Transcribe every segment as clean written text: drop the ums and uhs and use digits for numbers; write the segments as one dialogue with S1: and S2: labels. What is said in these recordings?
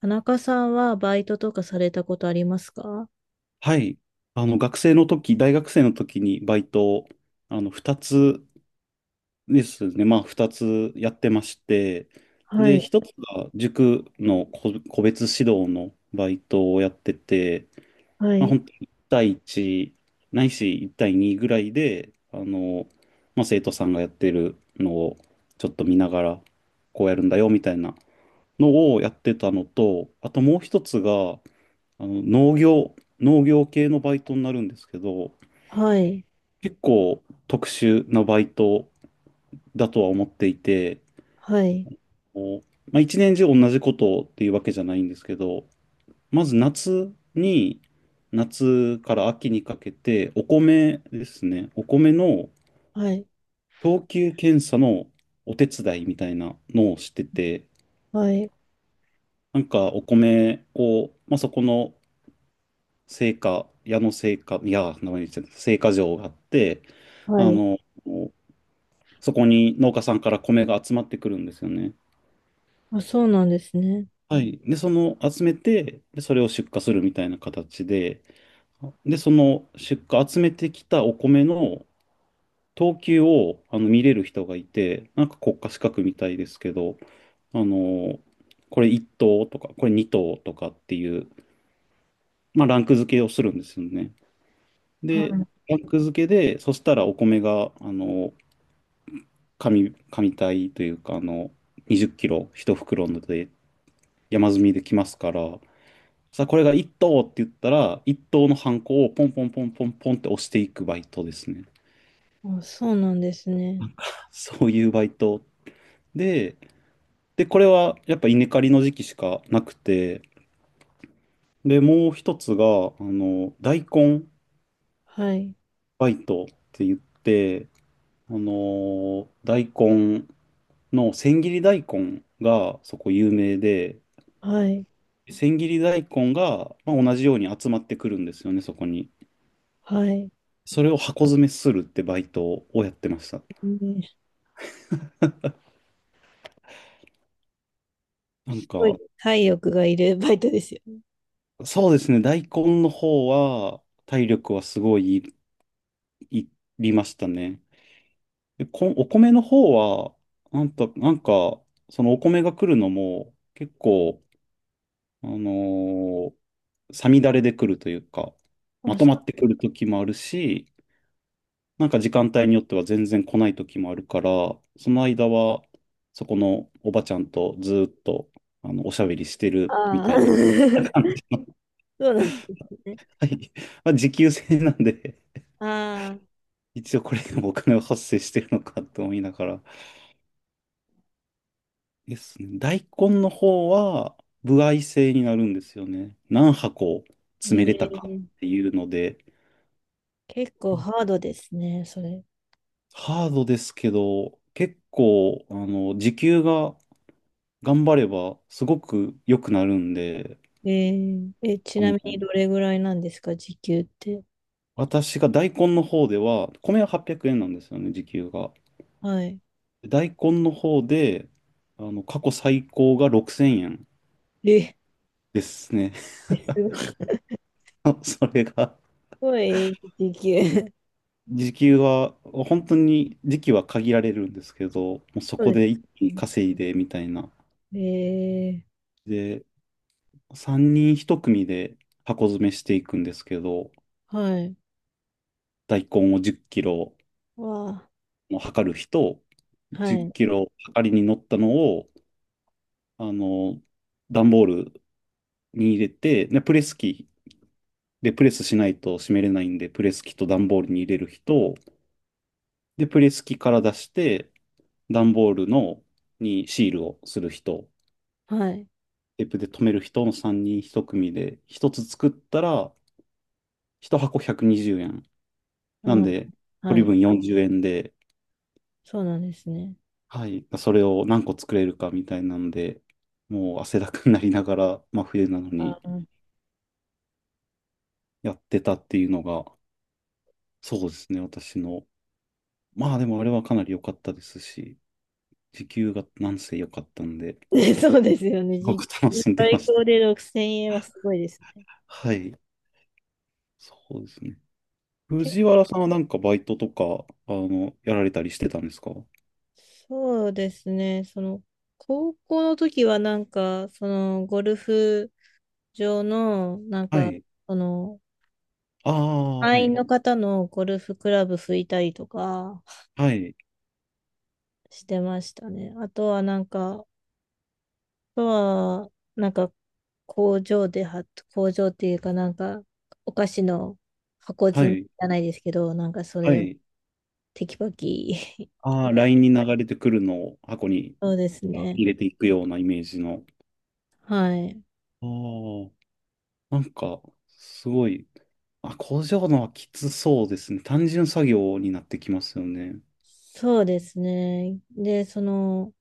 S1: 田中さんはバイトとかされたことありますか？
S2: はい。あの、学生の時、大学生の時にバイトを、あの、二つですね。まあ、二つやってまして、
S1: は
S2: で、
S1: い、
S2: 一つが塾の個別指導のバイトをやってて、
S1: は
S2: まあ、
S1: い、
S2: 本当に1対1、ないし1対2ぐらいで、あの、まあ、生徒さんがやってるのをちょっと見ながら、こうやるんだよ、みたいなのをやってたのと、あともう一つが、あの農業、農業系のバイトになるんですけど、
S1: はい、
S2: 結構特殊なバイトだとは思っていて、
S1: はい、
S2: こうまあ、一年中同じことっていうわけじゃないんですけど、まず夏に、夏から秋にかけて、お米ですね、お米の
S1: はい、
S2: 等級検査のお手伝いみたいなのをしてて、
S1: はい、
S2: なんかお米を、まあ、そこの製菓、矢野製菓、いや、名前言ってた製菓場があって、
S1: は
S2: あ
S1: い。
S2: の、そこに農家さんから米が集まってくるんですよね。
S1: あ、そうなんですね。
S2: はい。で、その集めて、で、それを出荷するみたいな形で、で、その出荷、集めてきたお米の等級をあの見れる人がいて、なんか国家資格みたいですけど、あの、これ1等とか、これ2等とかっていう、まあ、ランク付けをするんですよね。で、
S1: は
S2: ランク付けで、そしたらお米が、あの、紙体というか、あの、20キロ一袋ので山積みできますから、さあ、これが一等って言ったら、一等のハンコをポンポンポンポンポンって押していくバイトですね。
S1: い。あ、そうなんですね。
S2: そういうバイトで、で、これはやっぱ稲刈りの時期しかなくて、で、もう一つが、あの、大根
S1: はい、
S2: バイトって言って、大根の千切り大根がそこ有名で、
S1: はい、
S2: 千切り大根が、まあ、同じように集まってくるんですよね、そこに。
S1: はい。
S2: それを箱詰めするってバイトをやってました。
S1: ね、
S2: なん
S1: すごい
S2: か、
S1: 体力がいるバイトですよね。
S2: そうですね、大根の方は体力はすごいいいりましたね。で、お米の方は、なんか、そのお米が来るのも結構、あのーさみだれで来るというか、ま
S1: あ、
S2: と
S1: そ
S2: ま
S1: う、
S2: ってくる時もあるし、なんか時間帯によっては全然来ない時もあるから、その間は、そこのおばちゃんとずーっと、あの、おしゃべりしてるみ
S1: あ
S2: たいに。
S1: ー
S2: まあ
S1: そうなんですね。
S2: はい。まあ、時給制なんで、
S1: ああ、
S2: 一応これでもお金は発生してるのかと思いながら。ですね。大根の方は、歩合制になるんですよね。何箱詰めれたか
S1: ええ、
S2: っていうので、
S1: 結構ハードですね、それ。
S2: ハードですけど、結構、あの、時給が頑張ればすごく良くなるんで、
S1: えええ、ち
S2: あ、も
S1: なみに
S2: う、
S1: どれぐらいなんですか、時給って。
S2: 私が大根の方では、米は800円なんですよね、時給が。
S1: はい。
S2: 大根の方で、あの、過去最高が6000円
S1: え
S2: ですね。
S1: え、す
S2: あそれが、
S1: ごい時給、
S2: 時給は、本当に時期は限られるんですけど、もうそ
S1: そ
S2: こ
S1: うで
S2: で一
S1: す。
S2: 気に稼いでみたいな。
S1: ええ、
S2: で、3人1組で箱詰めしていくんですけど、
S1: はい。
S2: 大根を10キロ、
S1: わ
S2: の測る日と、
S1: あ、は
S2: 10
S1: い。
S2: キロ測りに乗ったのを、あの、段ボールに入れて、で、プレス機でプレスしないと閉めれないんで、プレス機と段ボールに入れる人、で、プレス機から出して、段ボールのにシールをする人、
S1: はい。
S2: テープで留める人の3人1組で、1つ作ったら、1箱120円。
S1: う
S2: なん
S1: ん。
S2: で、
S1: は
S2: 取り
S1: い。
S2: 分40円で、
S1: そうなんですね。
S2: はい、それを何個作れるかみたいなんで、もう汗だくになりながら、まあ冬なのに
S1: あー、
S2: やってたっていうのが、そうですね、私の。まあでもあれはかなり良かったですし、時給がなんせ良かったんで、
S1: そうですよね。
S2: すご
S1: 時
S2: く
S1: 給、
S2: 楽しんでま
S1: 最
S2: し
S1: 高
S2: た。
S1: で6000円はすごいですね。
S2: はい、そうですね。
S1: け、
S2: 藤原さんはなんかバイトとか、あの、やられたりしてたんですか？
S1: そうですね。その、高校の時はなんか、その、ゴルフ場の、なん
S2: は
S1: か、
S2: い。
S1: その、
S2: ああ、は
S1: 会員
S2: い。
S1: の方のゴルフクラブ拭いたりとか
S2: はい。
S1: してましたね。あとはなんか、とは、なんか、工場では、工場っていうかなんか、お菓子の箱
S2: は
S1: 詰めじ
S2: い。
S1: ゃないですけど、なんかそ
S2: は
S1: れを
S2: い。
S1: テキパキ。
S2: ああ、LINE に流れてくるのを箱に
S1: そうですね。
S2: 入れていくようなイメージの。
S1: はい。
S2: ああ、なんか、すごいあ、工場のはきつそうですね。単純作業になってきますよね。
S1: そうですね。で、その、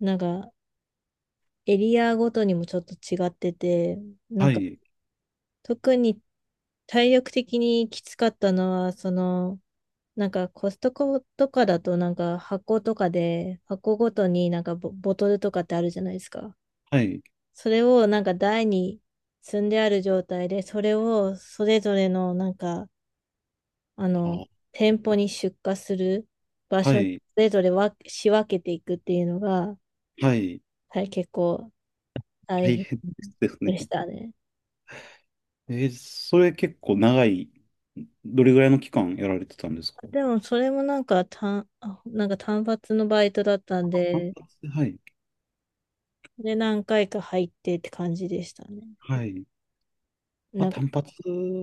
S1: なんか、エリアごとにもちょっと違ってて、なん
S2: は
S1: か、
S2: い、
S1: 特に体力的にきつかったのは、その、なんかコストコとかだとなんか箱とかで箱ごとになんかボトルとかってあるじゃないですか。
S2: はい、
S1: それをなんか台に積んである状態で、それをそれぞれのなんか、あの、
S2: あ、
S1: 店舗に出荷する場
S2: は
S1: 所に
S2: い、
S1: それぞれ仕分けていくっていうのが、
S2: はい、
S1: はい、結構大
S2: 大
S1: 変
S2: 変です
S1: で
S2: ね。
S1: したね。
S2: えーそれ結構長い、どれぐらいの期間やられてたんですか？
S1: でもそれもなんかなんか単発のバイトだったん
S2: 単
S1: で、
S2: 発、はい、
S1: で何回か入ってって感じでしたね。
S2: はい。まあ、
S1: なんか、
S2: 単発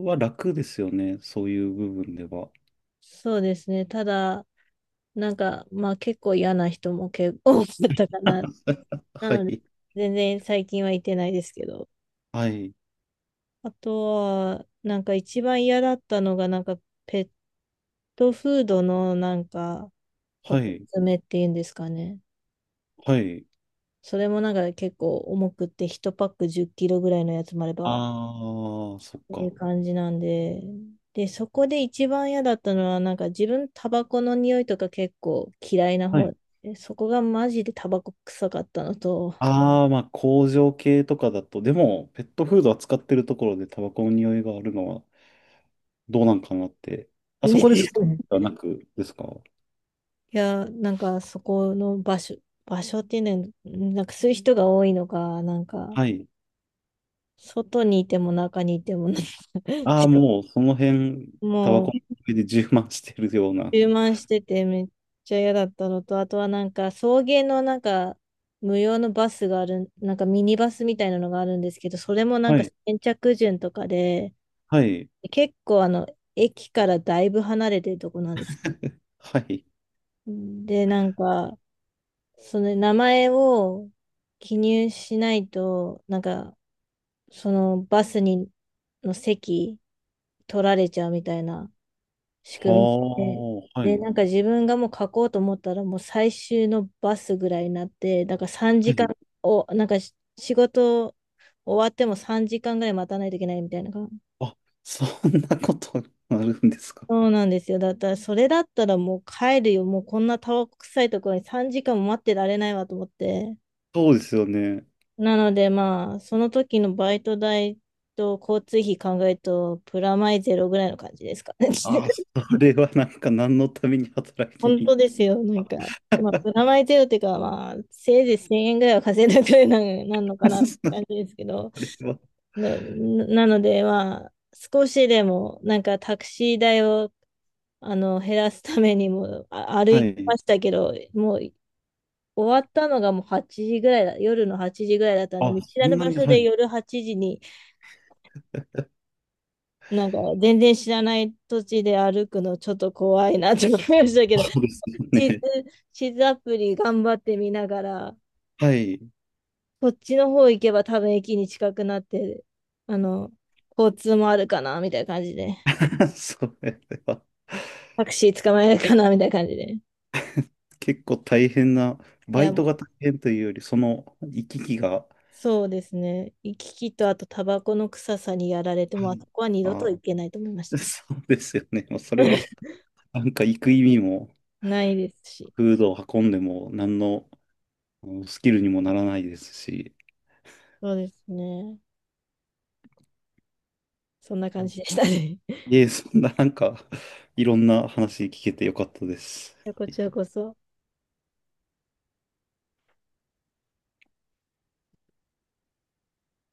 S2: は楽ですよね。そういう部分では。
S1: そうですね。ただ、なんか、まあ結構嫌な人も結構多かったかな。
S2: は
S1: うん、
S2: い、
S1: 全然最近は行ってないですけど。
S2: はい、
S1: あとは、なんか一番嫌だったのが、なんかペットフードのなんか
S2: は
S1: 箱
S2: い、
S1: 詰めっていうんですかね。
S2: はい。
S1: それもなんか結構重くって1パック10キロぐらいのやつもあれば、っ
S2: ああ、そっ
S1: ていう
S2: か。
S1: 感じなんで。で、そこで一番嫌だったのは、なんか自分タバコの匂いとか結構嫌いな
S2: はい
S1: 方で、そこがマジでタバコ臭かったのと、
S2: ああ、まあ工場系とかだと、でもペットフード扱ってるところでタバコの匂いがあるのはどうなんかなって。あ
S1: で
S2: そこですで はなくですか？
S1: いや、なんかそこの場所っていうのは、なんかそういう人が多いのか、なんか、
S2: はい。
S1: 外にいても中にいてもな、
S2: ああ、もうその辺、タバ
S1: も
S2: コ
S1: う、
S2: の匂いで充満してるような。
S1: 充満しててめっちゃ嫌だったのと、あとはなんか、送迎のなんか、無料のバスがある、なんかミニバスみたいなのがあるんですけど、それもなん
S2: は
S1: か
S2: い。
S1: 先着順とかで、
S2: はい。
S1: 結構あの、駅からだいぶ離れてるとこなんです
S2: はい。
S1: よ。で、なんか、その名前を記入しないと、なんか、そのバスにの席取られちゃうみたいな仕組み
S2: は
S1: で、
S2: あ、は
S1: で、
S2: い。
S1: なんか自分がもう書こうと思ったらもう最終のバスぐらいになって、だから3
S2: は
S1: 時間
S2: い。
S1: を、なんか仕事終わっても3時間ぐらい待たないといけないみたいな感じ。
S2: あ、そんなことあるんですか？
S1: そうなんですよ。だったら、それだったらもう帰るよ。もうこんなタバコ臭いところに3時間も待ってられないわと思って。
S2: そうですよね。
S1: なのでまあ、その時のバイト代と交通費考えると、プラマイゼロぐらいの感じですかね。
S2: あ あ、それはなんか何のために働きに
S1: 本
S2: 行っ
S1: 当で
S2: て。
S1: すよ。なんか、まあ、プラマイゼロっていうか、まあ、せいぜい1000円ぐらいは稼いだくらいな、なんのか なって感じ
S2: そ
S1: ですけど、
S2: れは。
S1: のなので、まあ、少しでも、なんかタクシー代をあの減らすためにも
S2: は
S1: 歩き
S2: い。
S1: ましたけど、もう終わったのがもう8時ぐらいだ、夜の8時ぐらいだったんで、
S2: あ、
S1: 見知
S2: そ
S1: ら
S2: ん
S1: ぬ
S2: な
S1: 場
S2: に、
S1: 所
S2: は
S1: で
S2: い。
S1: 夜8時に、なんか全然知らない土地で歩くのちょっと怖いなと思いましたけど、
S2: そうですよ
S1: 地図、
S2: ね。
S1: 地図アプリ頑張って見ながら、
S2: はい。
S1: こっちの方行けば多分駅に近くなって、あの、交通もあるかな、みたいな感じで。
S2: それは
S1: タクシー捕まえるかな、みたいな感じで。
S2: 結構大変な、
S1: い
S2: バ
S1: や、
S2: イトが大変というより、その行き来が、
S1: そうですね。行き来とあとタバコの臭さにやられて、
S2: は
S1: もうあ
S2: い。
S1: そこは二度
S2: あ、
S1: と行けないと思いましたね。
S2: そうですよね。もうそれは、なんか行く意味も、
S1: ないですし。
S2: フードを運んでも、何のうんスキルにもならないですし、
S1: そうですね。そんな感じでしたね。
S2: いえ、そんななんか、いろんな話聞けてよかったです。
S1: こちらこそ。